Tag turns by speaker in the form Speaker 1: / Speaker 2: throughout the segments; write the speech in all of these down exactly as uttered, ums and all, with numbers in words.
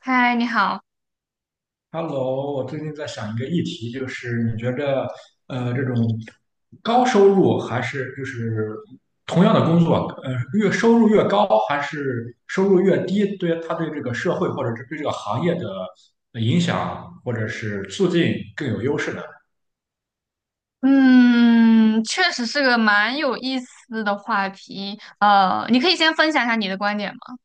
Speaker 1: 嗨，你好。
Speaker 2: Hello，我最近在想一个议题，就是你觉着，呃，这种高收入还是就是同样的工作，呃，越收入越高还是收入越低，对他对这个社会或者是对这个行业的呃影响，或者是促进更有优势呢？
Speaker 1: 嗯，确实是个蛮有意思的话题。呃，你可以先分享一下你的观点吗？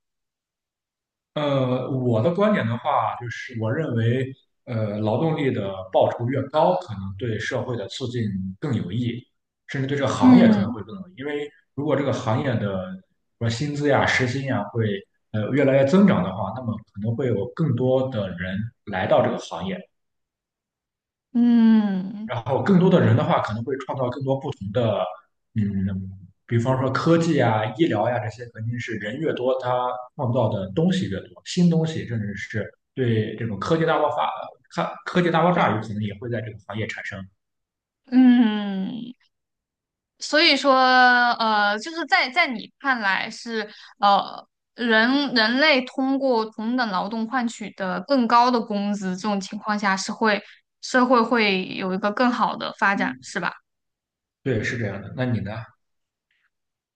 Speaker 2: 呃，我的观点的话，就是我认为，呃，劳动力的报酬越高，可能对社会的促进更有益，甚至对这个行业可能
Speaker 1: 嗯
Speaker 2: 会更有益。因为如果这个行业的说薪资呀、时薪呀会呃越来越增长的话，那么可能会有更多的人来到这个行业，
Speaker 1: 嗯
Speaker 2: 然后更多的人的话，可能会创造更多不同的，嗯，比方说科技啊、医疗呀、这些，肯定是人越多，它创造的东西越多，新东西，甚至是对这种科技大爆发、科科技大爆炸，有可能也会在这个行业产生。
Speaker 1: 嗯。所以说，呃，就是在在你看来是，呃，人人类通过同等劳动换取的更高的工资，这种情况下是会社会会有一个更好的发展，是吧？
Speaker 2: 对，是这样的。那你呢？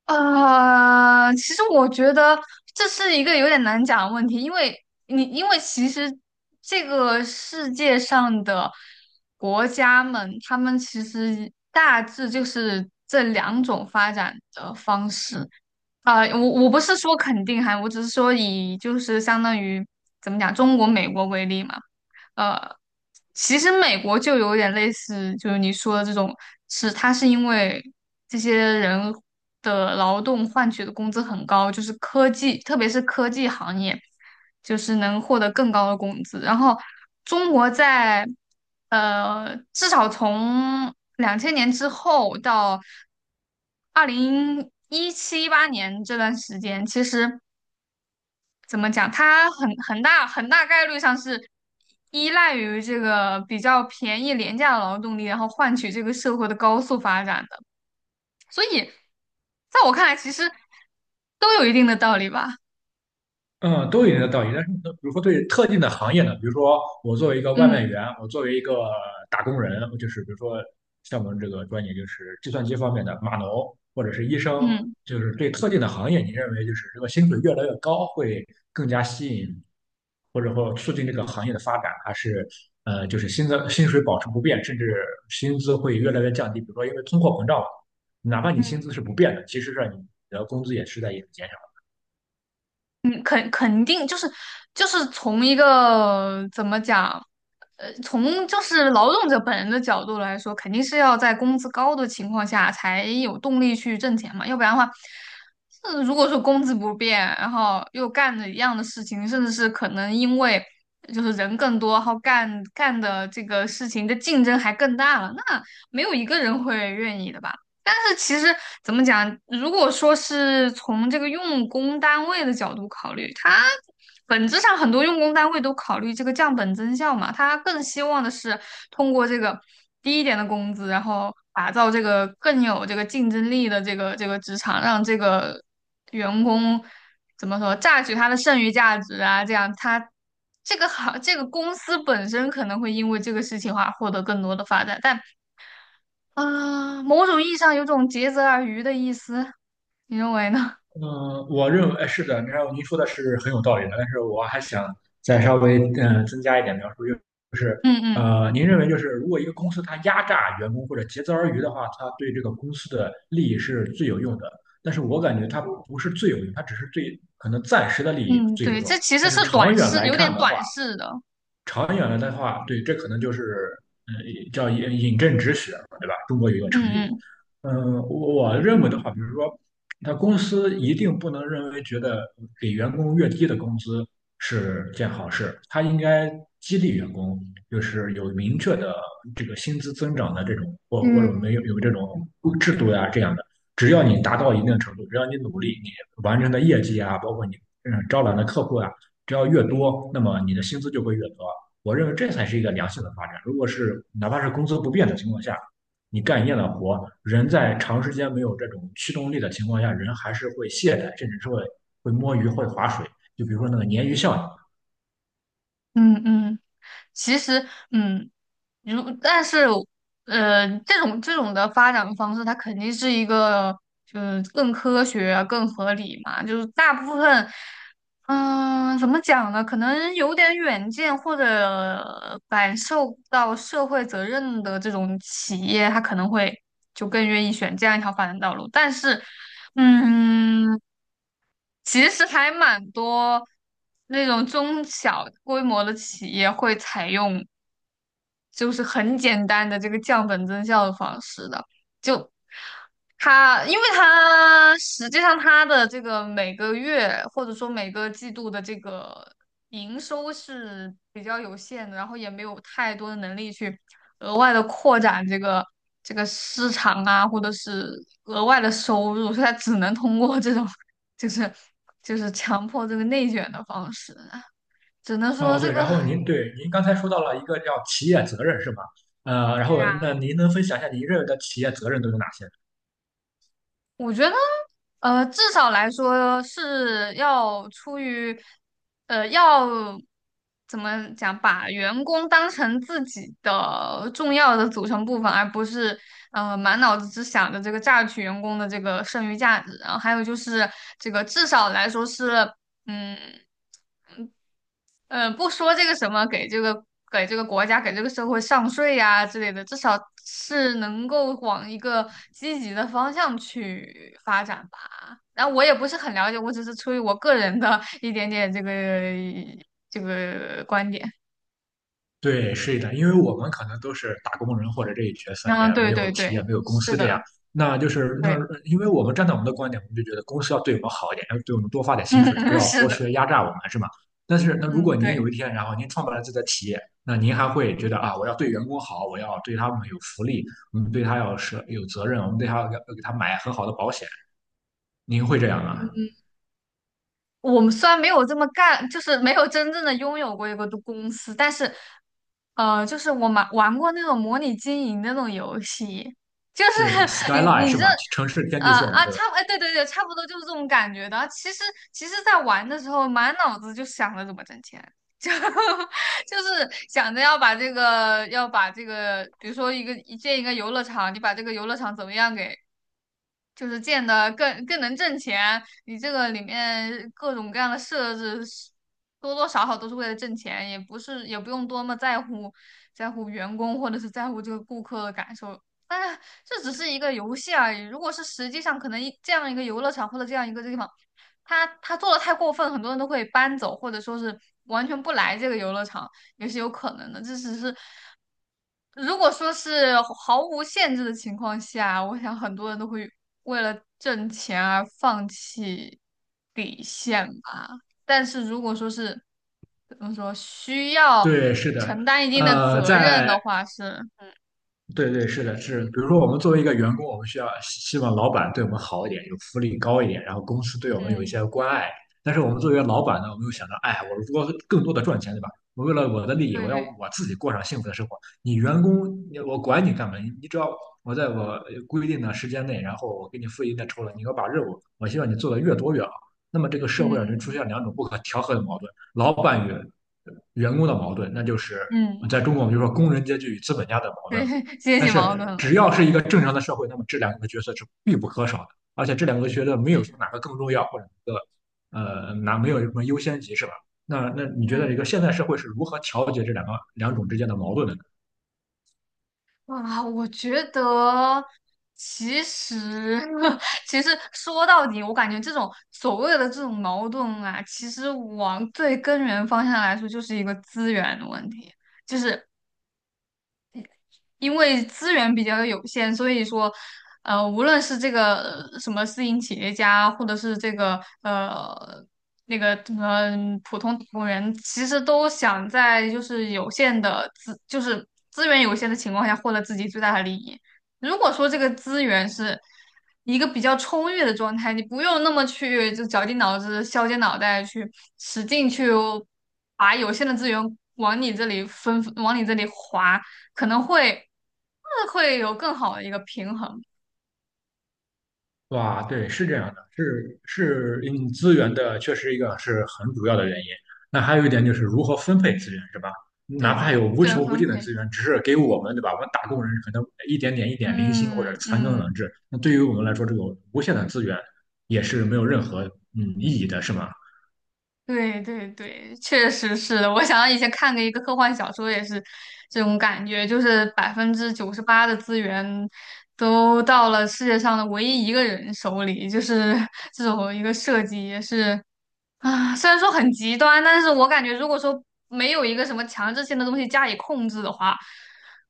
Speaker 1: 呃，其实我觉得这是一个有点难讲的问题，因为你因为其实这个世界上的国家们，他们其实大致就是这两种发展的方式。啊、我我不是说肯定哈，我只是说，以就是相当于怎么讲，中国、美国为例嘛。呃。其实美国就有点类似，就是你说的这种，是它是因为这些人的劳动换取的工资很高，就是科技，特别是科技行业，就是能获得更高的工资。然后中国在，呃，至少从两千年之后到二零一七一八年这段时间，其实怎么讲？它很很大很大概率上是依赖于这个比较便宜廉价的劳动力，然后换取这个社会的高速发展的。所以，在我看来，其实都有一定的道理吧。
Speaker 2: 嗯，都有一定的道理。但是，比如说对特定的行业呢，比如说我作为一个外卖
Speaker 1: 嗯
Speaker 2: 员，我作为一个打工人，就是比如说像我们这个专业就是计算机方面的码农或者是医生，
Speaker 1: 嗯。
Speaker 2: 就是对特定的行业，你认为就是这个薪水越来越高，会更加吸引或者说促进这个行业的发展，还是呃就是薪资薪水保持不变，甚至薪资会越来越降低？比如说因为通货膨胀，哪怕你薪资是不变的，其实上你的工资也是在一直减少。
Speaker 1: 嗯，肯肯定就是就是从一个怎么讲，呃，从就是劳动者本人的角度来说，肯定是要在工资高的情况下才有动力去挣钱嘛。要不然的话，呃，如果说工资不变，然后又干着一样的事情，甚至是可能因为就是人更多，然后干干的这个事情的竞争还更大了，那没有一个人会愿意的吧。但是其实怎么讲，如果说是从这个用工单位的角度考虑，它本质上很多用工单位都考虑这个降本增效嘛。它更希望的是通过这个低一点的工资，然后打造这个更有这个竞争力的这个这个职场，让这个员工，怎么说，榨取他的剩余价值啊，这样他。这个行，这个公司本身可能会因为这个事情话获得更多的发展，但啊，某种意义上有种竭泽而渔的意思，你认为呢？
Speaker 2: 嗯，我认为哎是的，然后您说的是很有道理的，但是我还想再稍微嗯、呃增加一点描述，就是
Speaker 1: 嗯嗯
Speaker 2: 呃，您认为就是如果一个公司它压榨员工或者竭泽而渔的话，它对这个公司的利益是最有用的，但是我感觉它不是最有用，它只是最可能暂时的利益
Speaker 1: 嗯，
Speaker 2: 最有
Speaker 1: 对，
Speaker 2: 用，
Speaker 1: 这其实
Speaker 2: 但
Speaker 1: 是
Speaker 2: 是长
Speaker 1: 短
Speaker 2: 远
Speaker 1: 视，
Speaker 2: 来
Speaker 1: 有
Speaker 2: 看
Speaker 1: 点
Speaker 2: 的话，
Speaker 1: 短视的。
Speaker 2: 长远了的话，对，这可能就是嗯，叫引引证止血，对吧？中国有一个
Speaker 1: 嗯
Speaker 2: 成语。
Speaker 1: 嗯
Speaker 2: 嗯，我我认为的话，比如说，他公司一定不能认为觉得给员工越低的工资是件好事，他应该激励员工，就是有明确的这个薪资增长的这种，或或
Speaker 1: 嗯，
Speaker 2: 者没有有这种制度呀、这样的。只要你达到一定程度，只要你努力，你完成的业绩啊，包括你嗯招揽的客户啊，只要越多，那么你的薪资就会越多。我认为这才是一个良性的发展。如果是哪怕是工资不变的情况下，你干一样的活，人在长时间没有这种驱动力的情况下，人还是会懈怠，甚至是会会摸鱼、会划水。就比如说那个鲶鱼效应。
Speaker 1: 嗯嗯。其实，嗯，如但是，呃，这种这种的发展方式，它肯定是一个，就是更科学啊、更合理嘛。就是大部分，嗯、怎么讲呢？可能有点远见或者感受到社会责任的这种企业，它可能会就更愿意选这样一条发展道路。但是，嗯，其实还蛮多那种中小规模的企业会采用。就是很简单的这个降本增效的方式的。就它，因为它实际上它的这个每个月或者说每个季度的这个营收是比较有限的，然后也没有太多的能力去额外的扩展这个这个市场啊，或者是额外的收入，所以它只能通过这种，就是就是强迫这个内卷的方式，只能说
Speaker 2: 哦，
Speaker 1: 这
Speaker 2: 对，
Speaker 1: 个
Speaker 2: 然后您对您刚才说到了一个叫企业责任是吧？呃，然
Speaker 1: 对
Speaker 2: 后
Speaker 1: 啊。
Speaker 2: 那您能分享一下您认为的企业责任都有哪些？
Speaker 1: 我觉得，呃，至少来说是要出于，呃，要怎么讲，把员工当成自己的重要的组成部分，而不是呃满脑子只想着这个榨取员工的这个剩余价值。然后还有就是这个，至少来说是，嗯。嗯，不说这个什么给这个给这个国家给这个社会上税呀之类的，至少是能够往一个积极的方向去发展吧。然后我也不是很了解，我只是出于我个人的一点点这个这个观点。
Speaker 2: 对，是的，因为我们可能都是打工人或者这一角色，也
Speaker 1: 嗯，
Speaker 2: 没
Speaker 1: 对
Speaker 2: 有
Speaker 1: 对
Speaker 2: 企业，
Speaker 1: 对，
Speaker 2: 没有公
Speaker 1: 是
Speaker 2: 司这样。
Speaker 1: 的。
Speaker 2: 那就是那，
Speaker 1: 对。
Speaker 2: 因为我们站在我们的观点，我们就觉得公司要对我们好一点，要对我们多发点
Speaker 1: 嗯
Speaker 2: 薪水，不
Speaker 1: 嗯，
Speaker 2: 要
Speaker 1: 是
Speaker 2: 剥
Speaker 1: 的。
Speaker 2: 削压榨我们，是吗？但是，那如果
Speaker 1: 嗯，
Speaker 2: 您
Speaker 1: 对。
Speaker 2: 有一天，然后您创办了自己的企业，那您还会觉得啊，我要对员工好，我要对他们有福利，我们对他要是有责任，我们对他要要给他买很好的保险，您会这样吗？
Speaker 1: 我们虽然没有这么干，就是没有真正的拥有过一个公司，但是，呃，就是我玩玩过那种模拟经营的那种游戏，就
Speaker 2: 对
Speaker 1: 是 你
Speaker 2: ，skyline
Speaker 1: 你
Speaker 2: 是
Speaker 1: 这
Speaker 2: 吗？城市天
Speaker 1: 呃
Speaker 2: 际线，
Speaker 1: 啊
Speaker 2: 对吧？
Speaker 1: 差不哎对对对，差不多就是这种感觉的。其实其实，在玩的时候，满脑子就想着怎么挣钱，就就是想着要把这个，要把这个，比如说一个一建一个游乐场。你把这个游乐场怎么样给，就是建的更更能挣钱。你这个里面各种各样的设置是，多多少少都是为了挣钱，也不是也不用多么在乎在乎员工或者是在乎这个顾客的感受。但是这只是一个游戏而已。如果是实际上，可能一这样一个游乐场或者这样一个地方，他他做的太过分，很多人都会搬走，或者说是完全不来这个游乐场。也是有可能的。这只是，如果说是毫无限制的情况下，我想很多人都会为了挣钱而放弃底线吧。但是如果说是怎么说，需要
Speaker 2: 对，是的。
Speaker 1: 承担一定的
Speaker 2: 呃，
Speaker 1: 责任的
Speaker 2: 在
Speaker 1: 话是。
Speaker 2: 对对，是的，是。比如说，我们作为一个员工，我们需要希希望老板对我们好一点，有福利高一点，然后公司对我们有一
Speaker 1: 嗯，
Speaker 2: 些关爱。但是我们作为老板呢，我们又想着，哎，我如果更多的赚钱，对吧？我为了我的利益，
Speaker 1: 对
Speaker 2: 我要
Speaker 1: 对，
Speaker 2: 我自己过上幸福的生活。你员工，你我管你干嘛？你你只要我在我规定的时间内，然后我给你付一定的酬劳，你给我把任务，我希望你做的越多越好。那么这个社会上就出
Speaker 1: 嗯
Speaker 2: 现两种不可调和的矛盾：老板与员工的矛盾，那就是
Speaker 1: 嗯，嗯
Speaker 2: 在中国我们就说工人阶级与资本家的矛
Speaker 1: 对，
Speaker 2: 盾。
Speaker 1: 阶
Speaker 2: 但
Speaker 1: 级矛盾
Speaker 2: 是
Speaker 1: 了，
Speaker 2: 只要是一个正常的社会，那么这两个角色是必不可少的，而且这两个角色没有
Speaker 1: 对，
Speaker 2: 说哪个更重要或者哪个呃哪没有什么优先级是吧？那那你觉得一个
Speaker 1: 嗯。
Speaker 2: 现代社会是如何调节这两个两种之间的矛盾的？
Speaker 1: 啊，我觉得其实 其实说到底，我感觉这种所谓的这种矛盾啊，其实往最根源方向来说，就是一个资源的问题。就是因为资源比较有限，所以说，呃，无论是这个呃什么私营企业家，或者是这个呃那个什么嗯普通打工人，其实都想在，就是有限的资，就是资源有限的情况下获得自己最大的利益。如果说这个资源是一个比较充裕的状态，你不用那么去就绞尽脑汁、削尖脑袋去使劲去把有限的资源往你这里分，往你这里划。可能会，呃会有更好的一个平衡。
Speaker 2: 哇，对，是这样的，是是，嗯，资源的确实一个是很主要的原因。那还有一点就是如何分配资源，是吧？哪
Speaker 1: 对对
Speaker 2: 怕
Speaker 1: 对，
Speaker 2: 有无
Speaker 1: 资源
Speaker 2: 穷无
Speaker 1: 分
Speaker 2: 尽的
Speaker 1: 配，
Speaker 2: 资源，只是给我们，对吧？我们打工人可能一点点、一点零星或者
Speaker 1: 嗯
Speaker 2: 残羹
Speaker 1: 嗯，
Speaker 2: 冷炙。那对于我们来说，这种无限的资源也是没有任何嗯意义的，是吗？
Speaker 1: 对对对，确实是的。我想到以前看过一个科幻小说，也是这种感觉，就是百分之九十八的资源都到了世界上的唯一一个人手里，就是 这种一个设计也是。啊，虽然说很极端，但是我感觉如果说没有一个什么强制性的东西加以控制的话，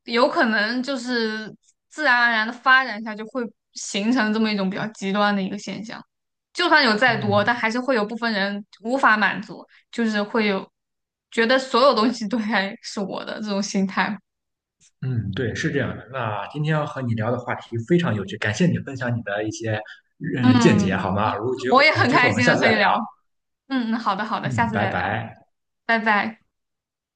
Speaker 1: 有可能就是自然而然的发展下就会形成这么一种比较极端的一个现象。就算有再多，
Speaker 2: 哦，
Speaker 1: 但还是会有部分人无法满足，就是会有觉得所有东西都该是我的这种心态。
Speaker 2: 嗯，对，是这样的。那今天要和你聊的话题非常有趣，感谢你分享你的一些嗯见解，
Speaker 1: 嗯，
Speaker 2: 好吗？如果有机
Speaker 1: 我
Speaker 2: 会
Speaker 1: 也
Speaker 2: 有
Speaker 1: 很
Speaker 2: 机会，
Speaker 1: 开
Speaker 2: 我们
Speaker 1: 心
Speaker 2: 下
Speaker 1: 的
Speaker 2: 次
Speaker 1: 和
Speaker 2: 再
Speaker 1: 你
Speaker 2: 聊。
Speaker 1: 聊。嗯嗯，好的好的，下
Speaker 2: 嗯，
Speaker 1: 次
Speaker 2: 拜
Speaker 1: 再聊，
Speaker 2: 拜。
Speaker 1: 拜拜。